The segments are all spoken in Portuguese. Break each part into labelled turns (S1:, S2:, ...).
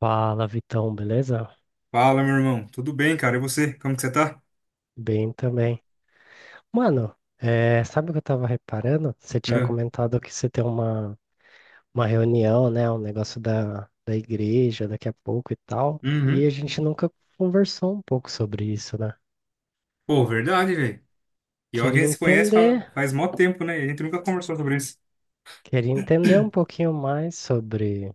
S1: Fala, Vitão, beleza?
S2: Fala, meu irmão. Tudo bem, cara? E você? Como que você tá?
S1: Bem também. Mano, sabe o que eu tava reparando? Você tinha
S2: É.
S1: comentado que você tem uma reunião, né? Um negócio da igreja daqui a pouco e tal. E
S2: Uhum.
S1: a gente nunca conversou um pouco sobre isso, né?
S2: Pô, verdade, velho. E olha que a
S1: Queria
S2: gente se conhece
S1: entender,
S2: faz mó tempo, né? E a gente nunca conversou sobre isso.
S1: queria entender um pouquinho mais sobre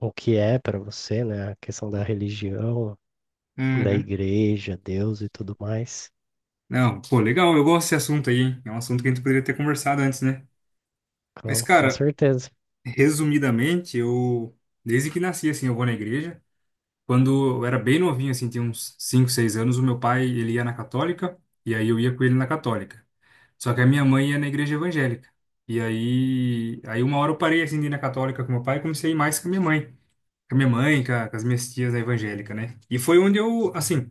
S1: o que é pra você, né? A questão da religião, da
S2: Uhum.
S1: igreja, Deus e tudo mais.
S2: Não, pô, legal. Eu gosto desse assunto aí, hein? É um assunto que a gente poderia ter conversado antes, né? Mas,
S1: Com
S2: cara,
S1: certeza.
S2: resumidamente, eu... Desde que nasci, assim, eu vou na igreja. Quando eu era bem novinho, assim, tinha uns 5 6 anos, o meu pai, ele ia na católica. E aí eu ia com ele na católica. Só que a minha mãe ia na igreja evangélica. E aí uma hora eu parei assim de ir na católica com meu pai e comecei a ir mais com a minha mãe. Com a minha mãe, com as minhas tias na evangélica, né? E foi onde eu, assim,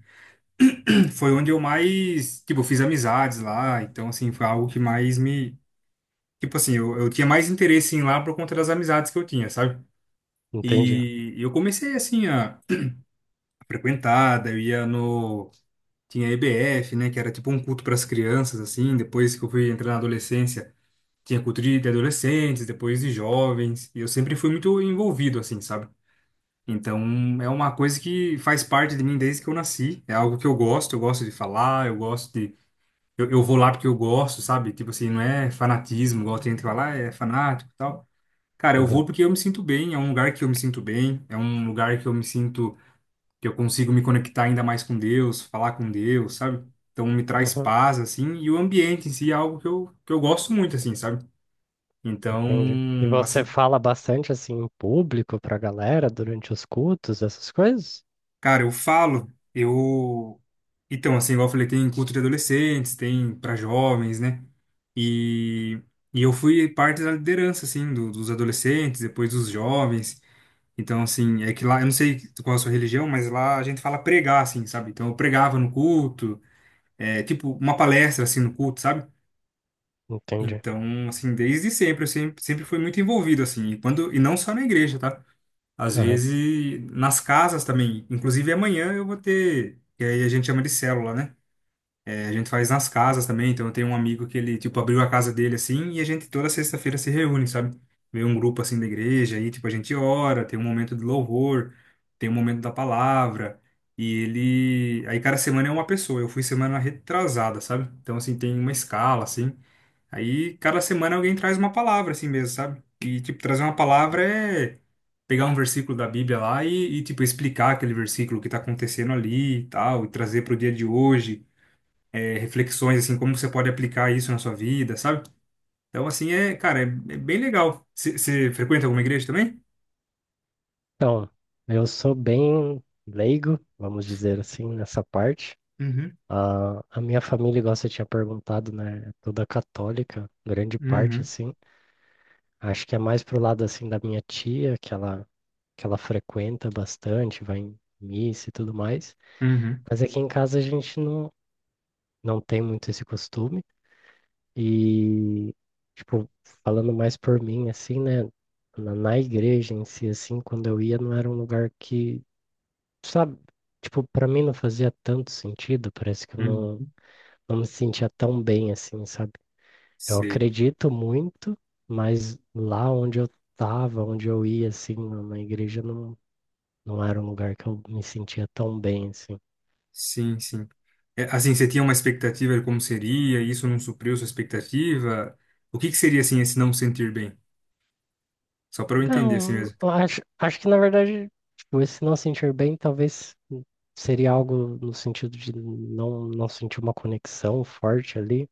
S2: foi onde eu mais, tipo, fiz amizades lá. Então, assim, foi algo que mais me. Tipo assim, eu tinha mais interesse em ir lá por conta das amizades que eu tinha, sabe?
S1: Entendi.
S2: E eu comecei, assim, a frequentar, daí eu ia no. Tinha EBF, né? Que era tipo um culto para as crianças, assim. Depois que eu fui entrar na adolescência. Tinha cultura de adolescentes, depois de jovens, e eu sempre fui muito envolvido, assim, sabe? Então, é uma coisa que faz parte de mim desde que eu nasci, é algo que eu gosto de falar, eu gosto de... Eu vou lá porque eu gosto, sabe? Tipo assim, não é fanatismo, igual tem gente que fala, "Ah, é fanático e tal. Cara, eu vou porque eu me sinto bem, é um lugar que eu me sinto bem, é um lugar que eu me sinto... que eu consigo me conectar ainda mais com Deus, falar com Deus, sabe? Então, me traz
S1: Aham.
S2: paz, assim, e o ambiente em si é algo que eu gosto muito, assim, sabe? Então,
S1: Entendi. E você
S2: assim,
S1: fala bastante assim em público pra galera durante os cultos, essas coisas?
S2: cara, eu falo, eu. Então, assim, igual eu falei, tem culto de adolescentes, tem para jovens, né? E, e eu fui parte da liderança, assim, dos adolescentes, depois dos jovens. Então, assim, é que lá, eu não sei qual é a sua religião, mas lá a gente fala pregar, assim, sabe? Então, eu pregava no culto, é, tipo, uma palestra, assim, no culto, sabe?
S1: Entendi.
S2: Então, assim, desde sempre, eu sempre fui muito envolvido, assim, e não só na igreja, tá? Às
S1: Aham.
S2: vezes, nas casas também. Inclusive, amanhã eu vou ter. Que aí a gente chama de célula, né? É, a gente faz nas casas também. Então, eu tenho um amigo que ele, tipo, abriu a casa dele assim. E a gente toda sexta-feira se reúne, sabe? Vem um grupo assim da igreja. Aí, tipo, a gente ora. Tem um momento de louvor. Tem um momento da palavra. E ele. Aí, cada semana é uma pessoa. Eu fui semana retrasada, sabe? Então, assim, tem uma escala, assim. Aí cada semana alguém traz uma palavra assim mesmo, sabe? E tipo, trazer uma palavra é pegar um versículo da Bíblia lá e tipo explicar aquele versículo, o que tá acontecendo ali e tal, e trazer pro dia de hoje, é, reflexões assim, como você pode aplicar isso na sua vida, sabe? Então assim é, cara, é bem legal. Você frequenta alguma igreja também?
S1: Então, eu sou bem leigo, vamos dizer assim, nessa parte.
S2: Uhum,
S1: A minha família, igual você tinha perguntado, né, é toda católica, grande parte
S2: uhum,
S1: assim. Acho que é mais pro lado assim da minha tia, que ela frequenta bastante, vai em missa e tudo mais.
S2: uhum,
S1: Mas aqui em casa a gente não tem muito esse costume. E, tipo, falando mais por mim, assim, né? Na igreja em si, assim, quando eu ia, não era um lugar que, sabe? Tipo, pra mim não fazia tanto sentido, parece que eu
S2: uhum.
S1: não, não me sentia tão bem, assim, sabe? Eu
S2: Sei.
S1: acredito muito, mas lá onde eu tava, onde eu ia, assim, na igreja, não era um lugar que eu me sentia tão bem, assim.
S2: Sim, sim. É, assim, você tinha uma expectativa de como seria, e isso não supriu sua expectativa? O que que seria assim esse não sentir bem? Só pra eu entender assim
S1: Então,
S2: mesmo.
S1: acho que, na verdade, tipo, esse não sentir bem talvez seria algo no sentido de não sentir uma conexão forte ali.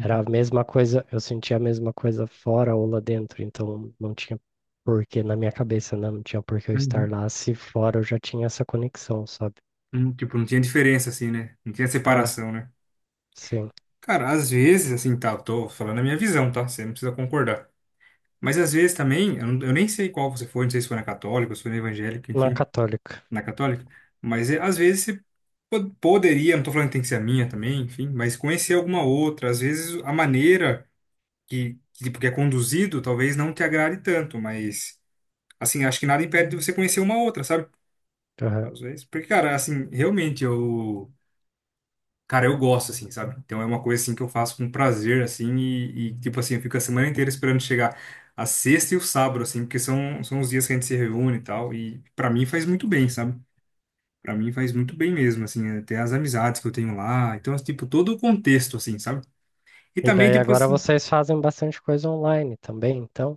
S1: Era a mesma coisa, eu sentia a mesma coisa fora ou lá dentro, então não tinha porquê na minha cabeça, né? Não tinha porquê eu estar
S2: uhum.
S1: lá se fora eu já tinha essa conexão, sabe?
S2: Tipo, não tinha diferença assim, né? Não tinha
S1: Ah,
S2: separação, né?
S1: sim,
S2: Cara, às vezes, assim, tá, eu tô falando a minha visão, tá? Você não precisa concordar. Mas às vezes também, eu nem sei qual você foi, não sei se foi na católica, se foi na evangélica,
S1: na
S2: enfim,
S1: católica.
S2: na católica. Mas é, às vezes você poderia, não tô falando que tem que ser a minha também, enfim, mas conhecer alguma outra. Às vezes a maneira que, tipo, que é conduzido talvez não te agrade tanto, mas, assim, acho que nada impede de você conhecer uma outra, sabe?
S1: Aham.
S2: Às vezes. Porque, cara, assim, realmente eu. Cara, eu gosto, assim, sabe? Então é uma coisa, assim, que eu faço com prazer, assim, e, tipo assim, eu fico a semana inteira esperando chegar a sexta e o sábado, assim, porque são os dias que a gente se reúne e tal, e pra mim faz muito bem, sabe? Pra mim faz muito bem mesmo, assim, até as amizades que eu tenho lá. Então, tipo, todo o contexto, assim, sabe? E
S1: E
S2: também,
S1: daí
S2: tipo
S1: agora
S2: assim,
S1: vocês fazem bastante coisa online também, então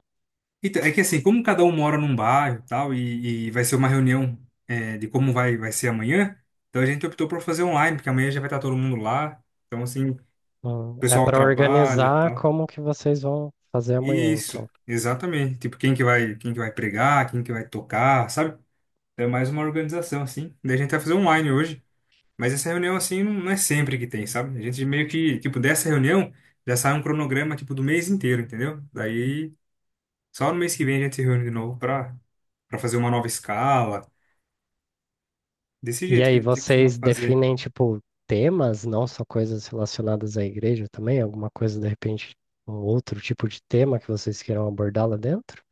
S2: então, é que assim, como cada um mora num bairro e tal, e vai ser uma reunião é, de como vai ser amanhã, então a gente optou por fazer online, porque amanhã já vai estar todo mundo lá. Então, assim, o
S1: é
S2: pessoal
S1: para
S2: trabalha e
S1: organizar
S2: tal.
S1: como que vocês vão fazer amanhã,
S2: Isso,
S1: então.
S2: exatamente. Tipo, quem que vai pregar, quem que vai tocar, sabe? É mais uma organização, assim. Daí a gente vai fazer online hoje. Mas essa reunião, assim, não é sempre que tem, sabe? A gente meio que, tipo, dessa reunião, já sai um cronograma, tipo, do mês inteiro, entendeu? Daí só no mês que vem a gente se reúne de novo para fazer uma nova escala, desse
S1: E
S2: jeito que a
S1: aí,
S2: gente costuma
S1: vocês
S2: fazer.
S1: definem, tipo, temas, não só coisas relacionadas à igreja também? Alguma coisa, de repente, um outro tipo de tema que vocês queiram abordar lá dentro?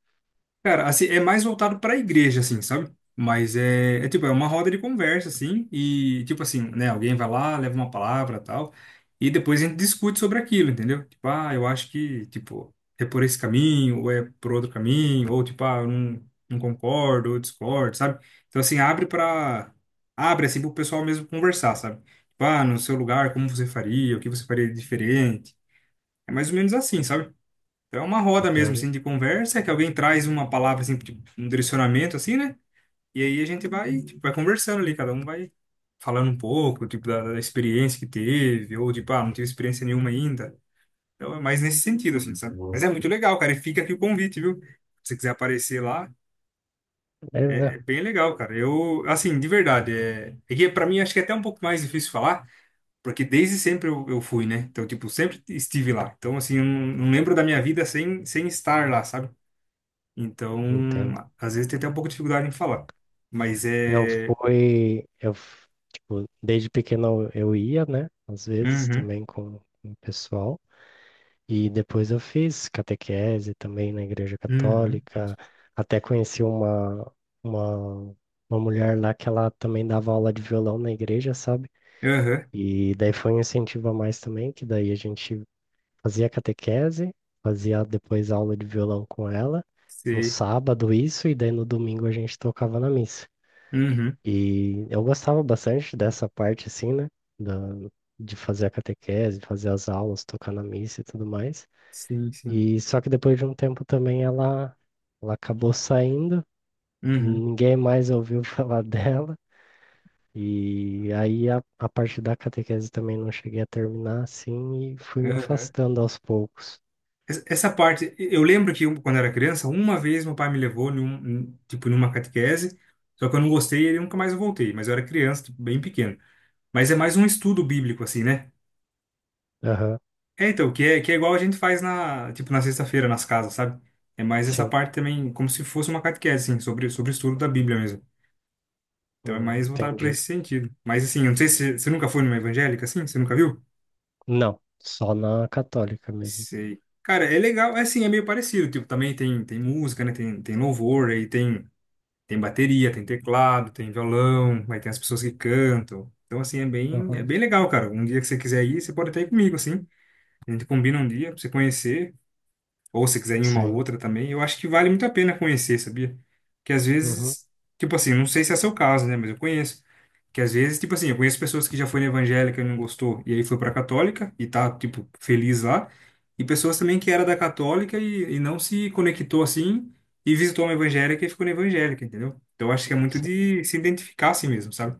S2: Cara, assim, é mais voltado pra igreja, assim, sabe? Mas é tipo, é uma roda de conversa, assim, e tipo assim, né? Alguém vai lá, leva uma palavra tal, e depois a gente discute sobre aquilo, entendeu? Tipo, ah, eu acho que, tipo, é por esse caminho, ou é por outro caminho, ou tipo, ah, eu não concordo, ou discordo, sabe? Então, assim, abre pra. Abre, assim, pro pessoal mesmo conversar, sabe? Tipo, ah, no seu lugar, como você faria, o que você faria de diferente. É mais ou menos assim, sabe? Então é uma roda mesmo,
S1: Entendi.
S2: assim, de conversa, que alguém traz uma palavra, assim, tipo, um direcionamento, assim, né? E aí a gente vai, tipo, vai conversando ali, cada um vai falando um pouco, tipo, da experiência que teve, ou tipo, ah, não tive experiência nenhuma ainda. Então é mais nesse sentido, assim, sabe? Mas é muito legal, cara, e fica aqui o convite, viu? Se você quiser aparecer lá, é
S1: Beleza.
S2: bem legal, cara. Eu, assim, de verdade, é que pra mim acho que é até um pouco mais difícil falar, porque desde sempre eu fui, né? Então, tipo, sempre estive lá. Então, assim, eu não lembro da minha vida sem estar lá, sabe? Então,
S1: Entendo.
S2: às vezes tem até um pouco de dificuldade em falar. Mas
S1: Eu
S2: é.
S1: fui, eu, f- tipo, desde pequeno eu ia, né? Às vezes
S2: Uhum,
S1: também com o pessoal. E depois eu fiz catequese também na igreja
S2: uhum,
S1: católica. Até conheci uma, uma mulher lá que ela também dava aula de violão na igreja, sabe?
S2: aham,
S1: E daí foi um incentivo a mais também, que daí a gente fazia catequese, fazia depois aula de violão com ela, no
S2: sei.
S1: sábado isso, e daí no domingo a gente tocava na missa.
S2: Uhum,
S1: E eu gostava bastante dessa parte, assim, né? Da, de fazer a catequese, fazer as aulas, tocar na missa e tudo mais.
S2: sim, sim.
S1: E só que depois de um tempo também ela acabou saindo,
S2: Uhum,
S1: ninguém mais ouviu falar dela. E aí a parte da catequese também não cheguei a terminar assim e fui me
S2: aham.
S1: afastando aos poucos.
S2: Essa parte, eu lembro que eu, quando era criança, uma vez meu pai me levou, tipo, numa catequese, só que eu não gostei e eu nunca mais voltei, mas eu era criança, tipo, bem pequeno. Mas é mais um estudo bíblico, assim, né?
S1: Aham,
S2: É, então, que é igual a gente faz na, tipo, na sexta-feira, nas casas, sabe? É mais essa
S1: sim,
S2: parte também, como se fosse uma catequese, assim, sobre o estudo da Bíblia mesmo. Então é mais voltado para
S1: entendi.
S2: esse sentido. Mas assim, eu não sei se você nunca foi numa evangélica assim, você nunca viu?
S1: Não, só na católica mesmo.
S2: Sei. Cara, é legal, é assim, é meio parecido, tipo, também tem música, né? Tem louvor, aí tem bateria, tem teclado, tem violão, aí tem as pessoas que cantam. Então assim, é bem é
S1: Aham,
S2: bem legal, cara. Um dia que você quiser ir, você pode até ir comigo assim. A gente combina um dia pra você conhecer. Ou se quiser em uma
S1: sim,
S2: outra também, eu acho que vale muito a pena conhecer, sabia? Que às
S1: uhum,
S2: vezes, tipo assim, não sei se é seu caso, né? Mas eu conheço. Que às vezes, tipo assim, eu conheço pessoas que já foi na evangélica e não gostou, e aí foi pra católica e tá, tipo, feliz lá. E pessoas também que era da católica e não se conectou assim e visitou uma evangélica e ficou na evangélica, entendeu? Então eu acho que é muito
S1: sim,
S2: de se identificar assim mesmo, sabe?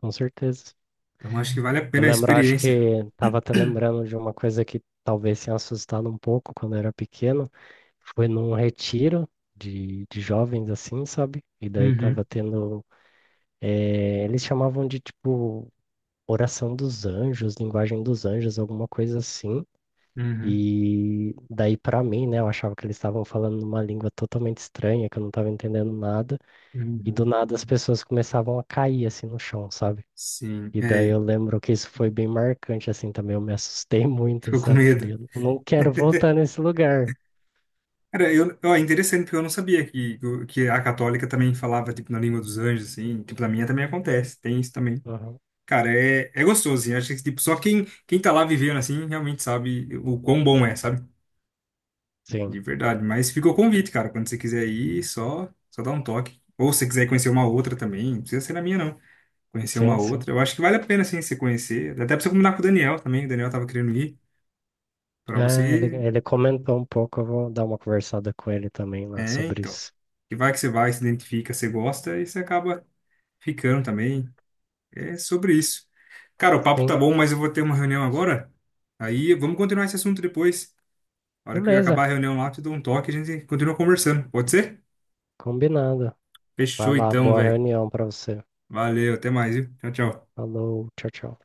S1: com certeza.
S2: Então eu acho que vale a
S1: Eu
S2: pena a
S1: lembro, acho que
S2: experiência.
S1: estava até lembrando de uma coisa que talvez tenha assustado um pouco quando eu era pequeno. Foi num retiro de jovens assim, sabe? E daí tava
S2: Uhum,
S1: tendo. Eles chamavam de tipo Oração dos Anjos, Linguagem dos Anjos, alguma coisa assim.
S2: uhum,
S1: E daí, pra mim, né, eu achava que eles estavam falando numa língua totalmente estranha, que eu não tava entendendo nada. E do
S2: uhum.
S1: nada as pessoas começavam a cair assim no chão, sabe?
S2: Sim,
S1: E daí
S2: é,
S1: eu lembro que isso foi bem marcante, assim, também. Eu me assustei muito,
S2: ficou com
S1: sabe? Falei,
S2: medo.
S1: eu não quero voltar nesse lugar.
S2: Cara, eu, ó, é interessante, porque eu não sabia que, a católica também falava, tipo, na língua dos anjos, assim. Tipo, na minha também acontece, tem isso também.
S1: Uhum.
S2: Cara, é gostoso, assim. Acho que, tipo, só quem tá lá vivendo, assim, realmente sabe o quão bom é, sabe?
S1: Sim,
S2: De verdade. Mas fica o convite, cara. Quando você quiser ir, só dá um toque. Ou se você quiser conhecer uma outra também, não precisa ser na minha, não. Conhecer uma
S1: sim, sim.
S2: outra. Eu acho que vale a pena, assim, você conhecer. Até pra você combinar com o Daniel também. O Daniel tava querendo ir. Pra
S1: É,
S2: você...
S1: ele comentou um pouco, eu vou dar uma conversada com ele também lá
S2: É,
S1: sobre
S2: então.
S1: isso.
S2: Que vai que você vai, se identifica, você gosta, e você acaba ficando também. É sobre isso. Cara, o papo tá
S1: Sim,
S2: bom, mas eu vou ter uma reunião agora. Aí vamos continuar esse assunto depois. Na hora que eu acabar
S1: beleza,
S2: a reunião lá, eu te dou um toque e a gente continua conversando. Pode ser?
S1: combinado. Vai
S2: Fechou
S1: lá,
S2: então,
S1: boa
S2: velho.
S1: reunião pra você.
S2: Valeu, até mais, viu? Tchau, tchau.
S1: Falou, tchau, tchau.